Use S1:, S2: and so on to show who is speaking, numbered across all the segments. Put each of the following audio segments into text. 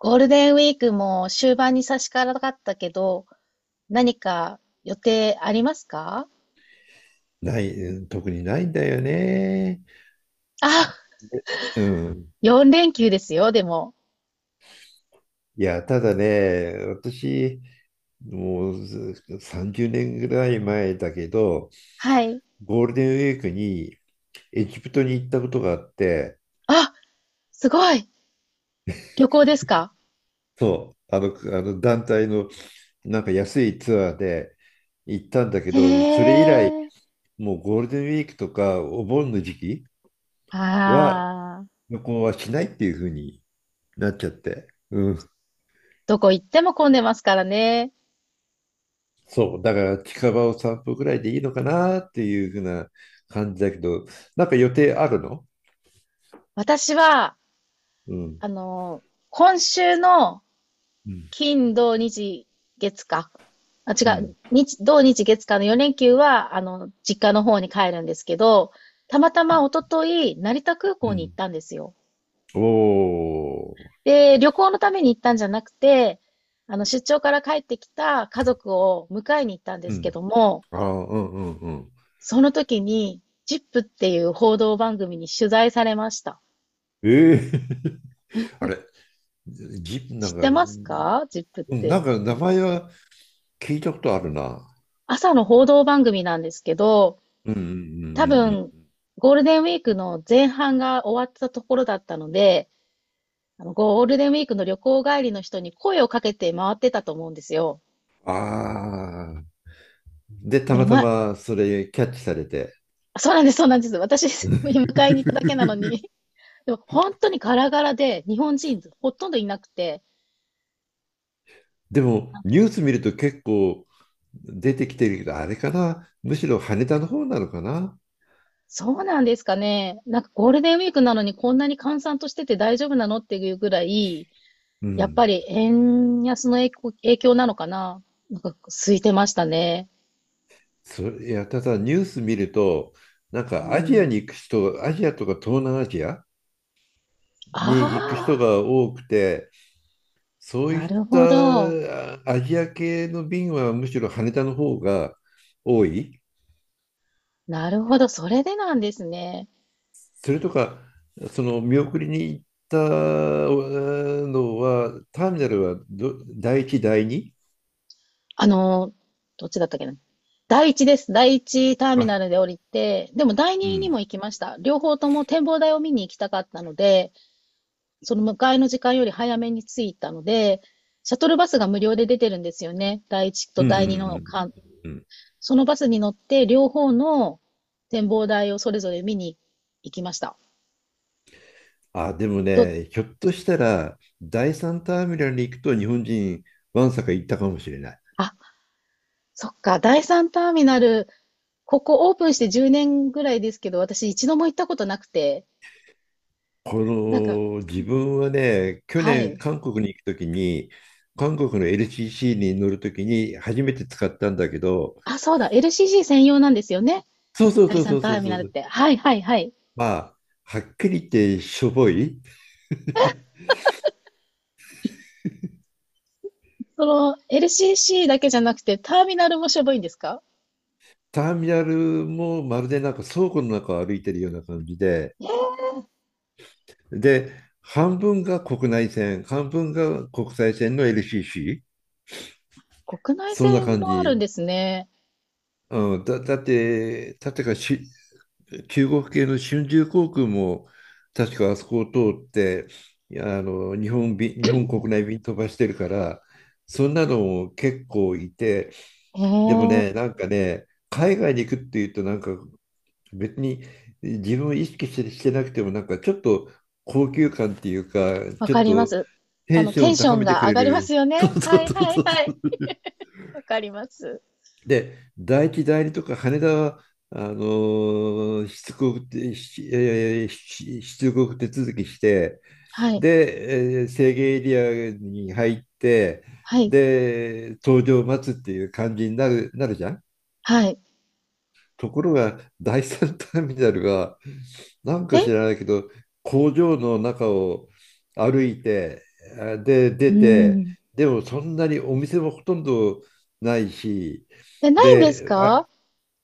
S1: ゴールデンウィークも終盤に差し掛かったけど、何か予定ありますか？
S2: ない、特にないんだよね。
S1: あ、
S2: うん。
S1: 4連休ですよ、でも。
S2: いや、ただね、私、もうず30年ぐらい前だけど、
S1: はい。
S2: ゴールデンウィークにエジプトに行ったことがあって。
S1: あ、すごい。旅行ですか？
S2: そう、あの団体のなんか安いツアーで行ったんだけど、そ
S1: へ
S2: れ以来、
S1: え。
S2: もうゴールデンウィークとかお盆の時期は
S1: ああ、
S2: 旅行はしないっていうふうになっちゃって。うん。
S1: どこ行っても混んでますからね。
S2: そう、だから近場を散歩ぐらいでいいのかなっていうふうな感じだけど、なんか予定あるの？
S1: 私は、
S2: うん、
S1: あの、今週の
S2: うん、
S1: 金、土、日、月か。あ、
S2: う
S1: 違う。
S2: ん、
S1: 日、土日月間の4連休は、実家の方に帰るんですけど、たまたま一昨日、成田空
S2: う
S1: 港に行
S2: ん。
S1: ったんですよ。
S2: おー、
S1: で、旅行のために行ったんじゃなくて、出張から帰ってきた家族を迎えに行ったんで
S2: う
S1: すけ
S2: ん。
S1: ども、
S2: ああ、うんうんうん。
S1: その時に、ジップっていう報道番組に取材されました。
S2: ええ あれ、ぎ、なん
S1: 知っ
S2: か、
S1: て
S2: う
S1: ますか、ジップって？
S2: なんか名前は聞いたことあるな。
S1: 朝の報道番組なんですけど、
S2: うんうんうんう
S1: 多
S2: ん
S1: 分、
S2: うん。
S1: ゴールデンウィークの前半が終わったところだったので、ゴールデンウィークの旅行帰りの人に声をかけて回ってたと思うんですよ。
S2: ああ、で、た
S1: でも
S2: また
S1: な、
S2: まそれキャッチされて。
S1: そうなんです、そうなんです。私、迎えに行っただけなの に。でも本当にガラガラで、日本人ほとんどいなくて、
S2: でもニュース見ると結構出てきてるけど、あれかな、むしろ羽田の方なのかな。
S1: そうなんですかね。なんかゴールデンウィークなのにこんなに閑散としてて大丈夫なのっていうぐらい、
S2: う
S1: やっぱ
S2: ん。
S1: り円安の影響なのかな。なんか空いてましたね。
S2: いや、ただニュース見ると、なん
S1: う
S2: かアジアに
S1: ん。
S2: 行く人、アジアとか東南アジアに行く
S1: あ
S2: 人が多くて、そ
S1: あ、
S2: う
S1: な
S2: いっ
S1: る
S2: た
S1: ほど。
S2: アジア系の便はむしろ羽田の方が多い。
S1: なるほど。それでなんですね。
S2: それとか、その見送りに行ったのは、ターミナルは第1、第2。
S1: あのー、どっちだったっけな。第一です。第一ターミ
S2: あ、
S1: ナルで降りて、でも第
S2: う
S1: 二に
S2: ん。
S1: も行きました。両方とも展望台を見に行きたかったので、その迎えの時間より早めに着いたので、シャトルバスが無料で出てるんですよね。第一と
S2: うんうんう
S1: 第二の
S2: ん。
S1: 間。
S2: うん、
S1: そのバスに乗って両方の展望台をそれぞれ見に行きました。
S2: あ、でも
S1: と、
S2: ね、ひょっとしたら、第三ターミナルに行くと日本人、わんさか行ったかもしれない。
S1: あ、そっか、第三ターミナル、ここオープンして10年ぐらいですけど、私一度も行ったことなくて、
S2: こ
S1: なんか、
S2: の、自分はね、去
S1: は
S2: 年、
S1: い、
S2: 韓国に行くときに、韓国の LCC に乗るときに初めて使ったんだけど、
S1: あ、そうだ、LCC 専用なんですよね。
S2: そうそう
S1: 第
S2: そうそ
S1: 三
S2: う
S1: タ
S2: そう
S1: ーミ
S2: そ
S1: ナルっ
S2: う。
S1: て。はいはいはい。
S2: まあ、はっきり言ってしょぼい。
S1: その LCC だけじゃなくて、ターミナルもしょぼいんですか？
S2: ターミナルもまるでなんか倉庫の中を歩いてるような感じで、
S1: えー、
S2: で、半分が国内線、半分が国際線の LCC。
S1: 国内
S2: そんな
S1: 線
S2: 感
S1: もあるん
S2: じ。
S1: ですね。
S2: うん、だって中国系の春秋航空も、確かあそこを通って、あの、日本便、日本国内便飛ばしてるから、そんなのも結構いて、
S1: え
S2: でも
S1: え、
S2: ね、なんかね、海外に行くっていうと、なんか別に自分を意識して、してなくても、なんかちょっと高級感っていうか、
S1: わ
S2: ちょ
S1: か
S2: っ
S1: りま
S2: と
S1: す。
S2: テンション
S1: テ
S2: を
S1: ンショ
S2: 高
S1: ン
S2: めてく
S1: が上
S2: れ
S1: がりま
S2: る。
S1: すよ
S2: そ
S1: ね。
S2: うそ
S1: は
S2: う
S1: い
S2: そ
S1: はい
S2: うそ
S1: はい。
S2: う。
S1: わかります。
S2: で、大木代理とか羽田は、あの出国手続きして、
S1: はい、
S2: で、制限エリアに入って、
S1: はい、
S2: で、搭乗を待つっていう感じになるじゃん。
S1: はい。
S2: ところが、第三ターミナルが、なんか
S1: え
S2: 知らないけど、工場の中を歩いて、で、
S1: う
S2: 出て、
S1: ーん。
S2: でもそんなにお店もほとんどないし、
S1: え、ないんです
S2: で、あ
S1: か？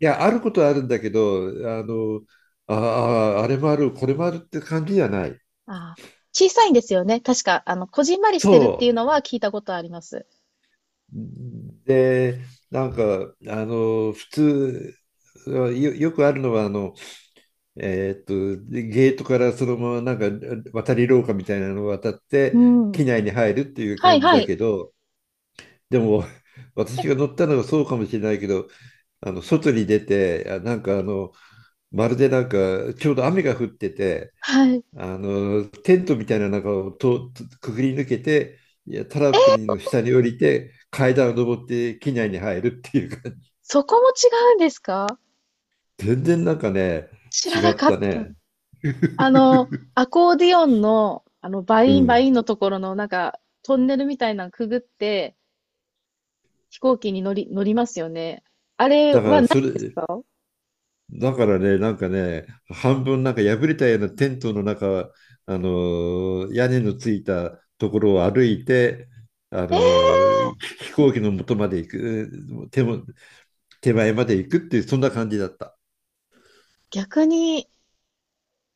S2: いや、あることはあるんだけど、あの、ああ、あれもある、これもあるって感じじゃない。
S1: ああ、小さいんですよね。確か、こじんまりしてるってい
S2: そ
S1: うのは聞いたことあります。
S2: う。で、なんか、あの、普通、よくあるのは、あの、えーっと、ゲートからそのまま、なんか、渡り廊下みたいなのを渡っ
S1: う
S2: て、
S1: ん。
S2: 機内に入るっていう
S1: はい
S2: 感じ
S1: は
S2: だ
S1: い。
S2: けど、でも、
S1: え、
S2: 私が乗ったのがそうかもしれないけど、あの、外に出て、なんか、あの、まるでなんか、ちょうど雨が降ってて、
S1: はい。
S2: あの、テントみたいな中をとくぐり抜けて、いや、タラップの下に降りて、階段を登って機内に入るっていう感じ。
S1: そこも違うんですか？
S2: 全然なんかね、
S1: 知ら
S2: 違
S1: な
S2: っ
S1: かっ
S2: た
S1: た。
S2: ね。
S1: アコーディオンの、バ
S2: う
S1: インバイ
S2: ん。
S1: ンのところの、なんか、トンネルみたいなのくぐって、飛行機に乗りますよね。あれ
S2: だか
S1: は
S2: ら、
S1: ない
S2: それ、
S1: ですか？
S2: だからね、なんかね、半分なんか破れたようなテントの中、あのー、屋根のついたところを歩いて、あの
S1: えー、
S2: ー、飛行機の元まで行く、手も、手前まで行くっていう、そんな感じだった。
S1: 逆に、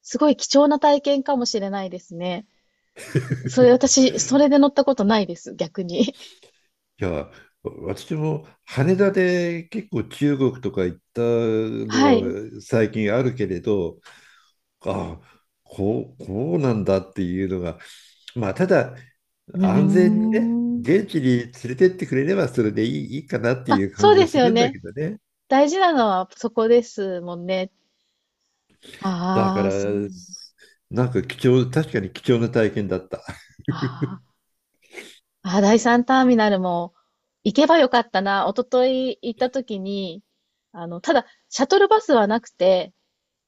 S1: すごい貴重な体験かもしれないですね。それ、私、それで乗ったことないです、逆に。
S2: いや、私も羽田で結構中国とか行ったの
S1: はい。
S2: は最近あるけれど、ああ、こうなんだっていうのが、まあ、ただ
S1: う
S2: 安全にね、
S1: ーん。
S2: 現地に連れてってくれればそれでいい、いいかなってい
S1: あ、
S2: う感
S1: そう
S2: じ
S1: で
S2: は
S1: す
S2: す
S1: よ
S2: るんだ
S1: ね。
S2: けどね。
S1: 大事なのはそこですもんね。
S2: だか
S1: ああ、
S2: ら、
S1: そう。
S2: なんか貴重、確かに貴重な体験だった。
S1: ああ。あ、第三ターミナルも行けばよかったな。一昨日行った時に、ただ、シャトルバスはなくて、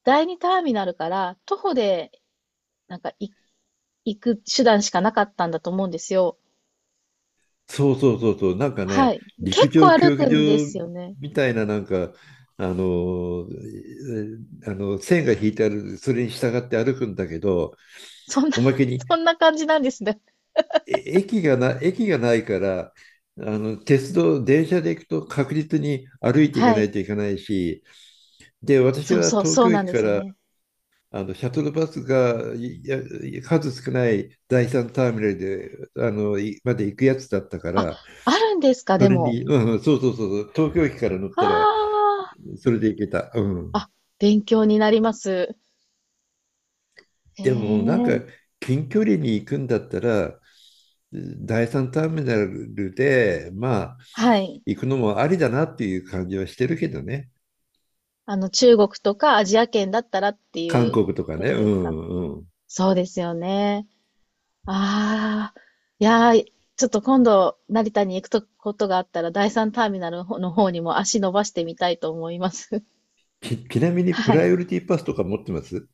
S1: 第二ターミナルから徒歩で、なんかい行く手段しかなかったんだと思うんですよ。
S2: そうそうそうそう、なんか
S1: は
S2: ね、
S1: い。結
S2: 陸上
S1: 構歩
S2: 競技
S1: くんで
S2: 場
S1: すよね。
S2: みたいな、なんか、あのえあの線が引いてある、それに従って歩くんだけど、
S1: そんな
S2: おまけに
S1: そんな感じなんですね。
S2: え駅がな、駅がないから、あの鉄道、電車で行くと確実に歩いていか
S1: は
S2: な
S1: い。
S2: いといけないし、で、私
S1: そう
S2: は
S1: そう、
S2: 東
S1: そう
S2: 京
S1: なん
S2: 駅
S1: で
S2: か
S1: すよ
S2: ら
S1: ね。
S2: あのシャトルバスがいや数少ない第三ターミナルであのいまで行くやつだったか
S1: あ、
S2: ら、
S1: あるんですか、
S2: そ
S1: で
S2: れ
S1: も。
S2: に、うんうん、そうそうそうそう、東京駅から乗ったら、
S1: あ
S2: それで行けた。う
S1: あ、
S2: ん。
S1: あ、勉強になります。へ
S2: でも、なんか、
S1: え。
S2: 近距離に行くんだったら、第三ターミナルで、まあ、
S1: はい。
S2: 行くのもありだなっていう感じはしてるけどね。
S1: 中国とかアジア圏だったらってい
S2: 韓
S1: う
S2: 国とか
S1: こ
S2: ね。
S1: と
S2: う
S1: ですか？
S2: んうん。
S1: そうですよね。ああ、いやー、ちょっと今度、成田に行くとことがあったら、第三ターミナルの方にも足伸ばしてみたいと思います。
S2: ちなみ に、プ
S1: は
S2: ラ
S1: い。
S2: イオリティパスとか持ってます？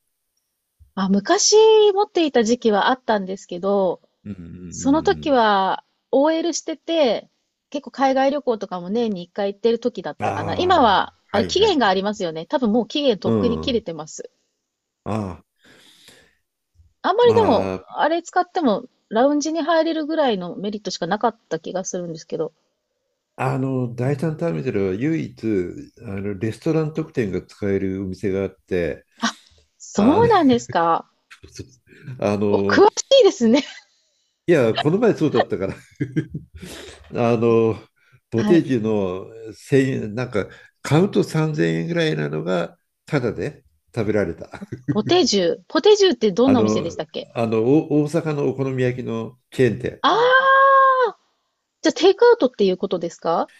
S1: あ、昔持っていた時期はあったんですけど、
S2: うんうんうん
S1: そ
S2: う
S1: の時
S2: ん。
S1: は OL してて、結構海外旅行とかも年に1回行ってる時だったかな。今
S2: あ
S1: は、
S2: あ、
S1: あ
S2: は
S1: れ
S2: い
S1: 期
S2: はい。
S1: 限がありますよね。多分もう期限と
S2: う
S1: っくに切れ
S2: ん。
S1: てます。
S2: ああ、
S1: あんまりでも、
S2: まあ、
S1: あれ使っても、ラウンジに入れるぐらいのメリットしかなかった気がするんですけど。
S2: あの、第三ターミナルは唯一、あの、レストラン特典が使えるお店があって、
S1: あ、
S2: あ
S1: そう
S2: の、
S1: なんですか。
S2: あ
S1: お、詳
S2: の、
S1: しいですね。
S2: いや、この前そうだったから、あの、ボ
S1: は
S2: テー
S1: い。
S2: ジの1000円、なんか、カウント3000円ぐらいなのが、タダで食べられた。
S1: ポテジュ。ポテジュって どん
S2: あ
S1: なお店でし
S2: の、
S1: たっけ？
S2: 大阪のお好み焼きのチェーン店。
S1: ああー、じゃあテイクアウトっていうことですか？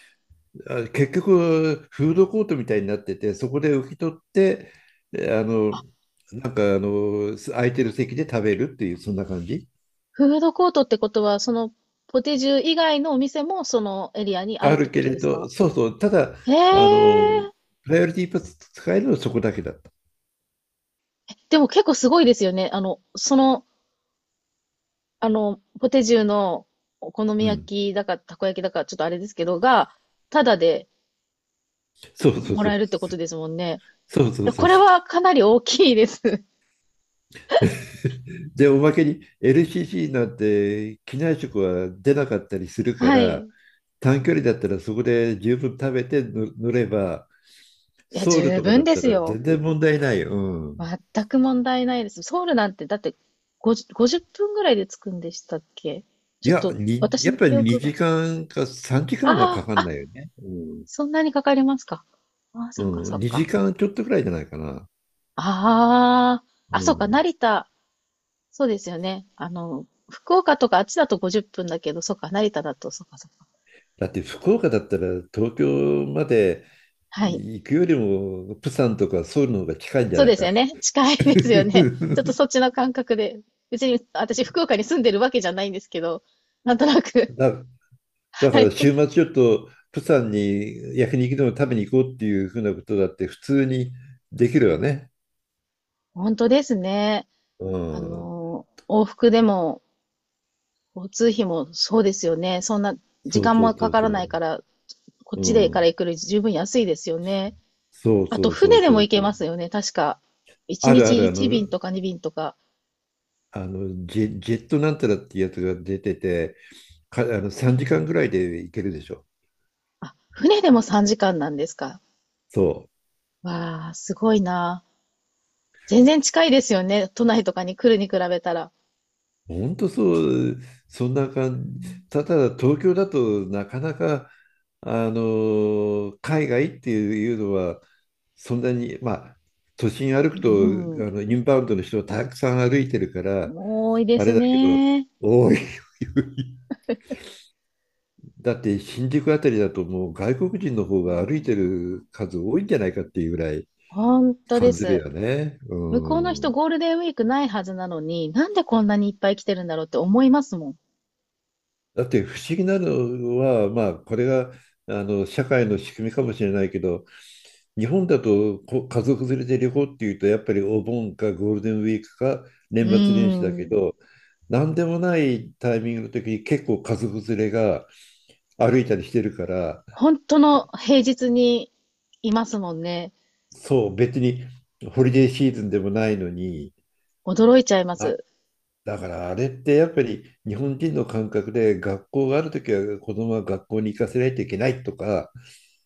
S2: 結局、フードコートみたいになってて、そこで受け取って、えあの、なんかあの、す空いてる席で食べるっていう、そんな感じ。
S1: フードコートってことは、そのポテジュ以外のお店もそのエリアにあ
S2: あ
S1: るって
S2: る
S1: こ
S2: け
S1: と
S2: れ
S1: です
S2: ど、
S1: か？
S2: そうそう、ただ、
S1: へえ。
S2: あの、プライオリティパス使えるのはそこだけだった。
S1: でも結構すごいですよね。そのポテジュのお好み
S2: う
S1: 焼
S2: ん。
S1: きだか、たこ焼きだか、ちょっとあれですけど、が、ただで
S2: そうそう
S1: も
S2: そ
S1: ら
S2: う。
S1: えるってことですもんね。
S2: そうそうそ
S1: こ
S2: う
S1: れ
S2: そう。
S1: はかなり大きいです。
S2: で、おまけに LCC なんて機内食は出なかったりするか
S1: はい。
S2: ら、
S1: い
S2: 短距離だったらそこで十分食べて乗れば、
S1: や、
S2: ソウル
S1: 十
S2: とかだ
S1: 分
S2: っ
S1: で
S2: た
S1: す
S2: ら
S1: よ。
S2: 全然問題ない。うん。
S1: 全く問題ないです。ソウルなんて、だって50、50分ぐらいで着くんでしたっけ？ちょっと、私
S2: やっ
S1: の
S2: ぱり
S1: 記憶
S2: 2
S1: が。
S2: 時間か3時間はか
S1: あ
S2: か
S1: あ、
S2: ん
S1: あ、
S2: ないよね。うん。
S1: そんなにかかりますか。ああ、そ
S2: う
S1: っかそ
S2: ん、
S1: っ
S2: 2
S1: か。
S2: 時間ちょっとぐらいじゃないかな。
S1: ああ、
S2: う
S1: あ、そっか、
S2: ん。
S1: 成田。そうですよね。福岡とかあっちだと50分だけど、そっか、成田だと、そっかそっか。
S2: だって福岡だったら東京まで
S1: はい。
S2: 行くよりも、プサンとかソウルの方が近いんじゃ
S1: そう
S2: ない
S1: です
S2: か。
S1: よね。近いですよね。ちょっとそ っちの感覚で。別に私、福岡に住んでるわけじゃないんですけど、なんとなく。
S2: だ、だか
S1: は
S2: ら
S1: い。
S2: 週末ちょっとプサンに焼肉でも食べに行こうっていうふうなことだって普通にできるわね。
S1: 本当ですね。
S2: うん。
S1: 往復でも、交通費もそうですよね。そんな時
S2: そう
S1: 間
S2: そ
S1: も
S2: う
S1: か
S2: そう
S1: か
S2: そ
S1: らな
S2: う。
S1: いから、こっ
S2: う
S1: ちでから
S2: ん。
S1: 行くより十分安いですよね。
S2: そう
S1: あと、
S2: そうそ
S1: 船
S2: う
S1: で
S2: そ
S1: も行
S2: う
S1: け
S2: そ
S1: ま
S2: う。
S1: すよね。確か。1
S2: あるあ
S1: 日
S2: る、あ
S1: 1
S2: の、
S1: 便とか2便とか。
S2: ジェットなんたらっていうやつが出てて、あの3時間ぐらいで行けるでしょ。
S1: あ、船でも3時間なんですか？
S2: そう。
S1: わあ、すごいな。全然近いですよね。都内とかに来るに比べたら。
S2: ほんとそう、そんな感じ。
S1: う
S2: ただ東京だとなかなか、あの、海外っていうのは、そんなに、まあ、都心歩く
S1: ん。
S2: と、あの、インバウンドの人たくさん歩いてるから、
S1: う多いで
S2: あれ
S1: す
S2: だけど、
S1: ね。
S2: 多だって新宿あたりだともう外国人の方が歩いてる数多いんじゃないかっていうぐらい
S1: 本当で
S2: 感じる
S1: す。
S2: よね。
S1: 向こうの
S2: う
S1: 人
S2: ん。
S1: ゴールデンウィークないはずなのに、なんでこんなにいっぱい来てるんだろうって思いますもん。
S2: だって不思議なのは、まあこれがあの社会の仕組みかもしれないけど、日本だと家族連れで旅行っていうとやっぱりお盆かゴールデンウィークか
S1: う
S2: 年末年
S1: ー
S2: 始だけ
S1: ん。
S2: ど、なんでもないタイミングの時に結構家族連れが歩いたりしてるから、
S1: 本当の平日にいますもんね。
S2: そう別にホリデーシーズンでもないのに、
S1: 驚いちゃいま
S2: あ
S1: す。
S2: だからあれってやっぱり日本人の感覚で学校があるときは子供は学校に行かせないといけないとか、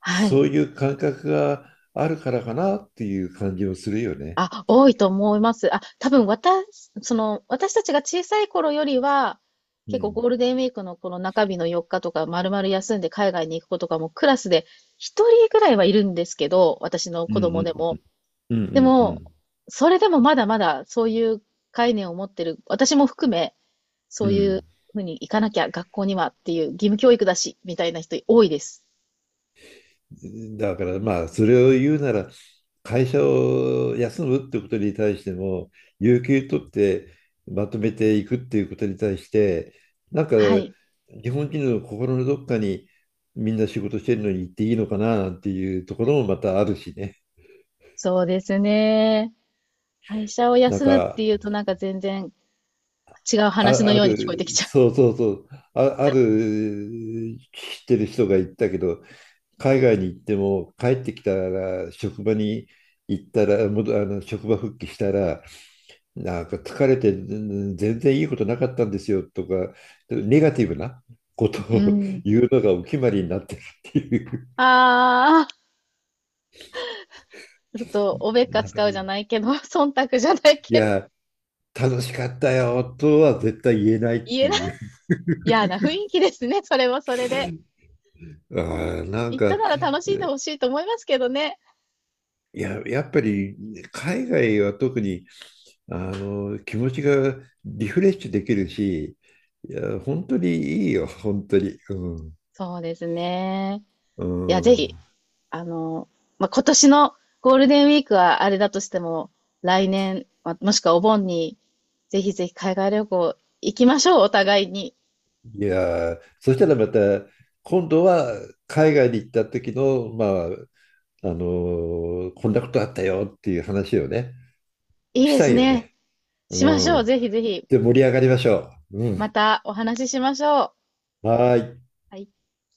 S1: はい。
S2: そういう感覚があるからかなっていう感じもするよね。
S1: あ、多いと思います。あ、多分私、私たちが小さい頃よりは、
S2: う
S1: 結構
S2: ん。
S1: ゴールデンウィークのこの中日の4日とか、丸々休んで海外に行く子とかもクラスで1人ぐらいはいるんですけど、私の
S2: うん
S1: 子
S2: う
S1: 供でも。
S2: んうんう
S1: で
S2: んう
S1: も、
S2: ん
S1: それでもまだまだそういう概念を持ってる、私も含め、そ
S2: うん。
S1: う
S2: う
S1: いう
S2: ん、
S1: ふうに行かなきゃ学校にはっていう義務教育だし、みたいな人多いです。
S2: だからまあそれを言うなら会社を休むってことに対しても有給取ってまとめていくっていうことに対してなんか
S1: はい。
S2: 日本人の心のどっかにみんな仕事してるのに行っていいのかななんていうところもまたあるしね。
S1: そうですね。会社を
S2: なん
S1: 休むっ
S2: か
S1: ていうとなんか全然違う話の
S2: あ、あ
S1: ように聞こえてき
S2: る
S1: ちゃ
S2: そうそうそう、あ、ある、知ってる人が言ったけど海外に行っても帰ってきたら職場に行ったらもどあの職場復帰したらなんか疲れて全然いいことなかったんですよとか、ネガティブなこと
S1: う。う
S2: を
S1: ん。
S2: 言うのがお決まりになってるっていう、
S1: ああ、ちょっと、おべっか使
S2: い
S1: うじゃないけど、忖度じゃないけど、
S2: や、楽しかったよとは絶対言えないっ
S1: 言
S2: て
S1: えない。
S2: いう、
S1: 嫌な雰囲気ですね、それはそれで。
S2: あ
S1: うん。
S2: ーなん
S1: 言った
S2: か、
S1: なら楽しんでほしいと思いますけどね。
S2: いや、やっぱり海外は特にあの気持ちがリフレッシュできるし、いや、本当にいいよ、本当に。うん、
S1: そうですね。
S2: う
S1: いや、ぜひ、
S2: ん、
S1: あの、まあ、今年のゴールデンウィークはあれだとしても、来年、もしくはお盆に、ぜひぜひ海外旅行行きましょう、お互いに。
S2: いやーそしたらまた今度は海外に行った時のあのこんなことあったよっていう話をね
S1: いい
S2: し
S1: で
S2: た
S1: す
S2: いよ
S1: ね。
S2: ね。
S1: し
S2: う
S1: ましょう。
S2: ん。
S1: ぜひぜひ、
S2: で盛り上がりましょう。う
S1: ま
S2: ん。
S1: たお話ししましょう。
S2: はーい。
S1: はい。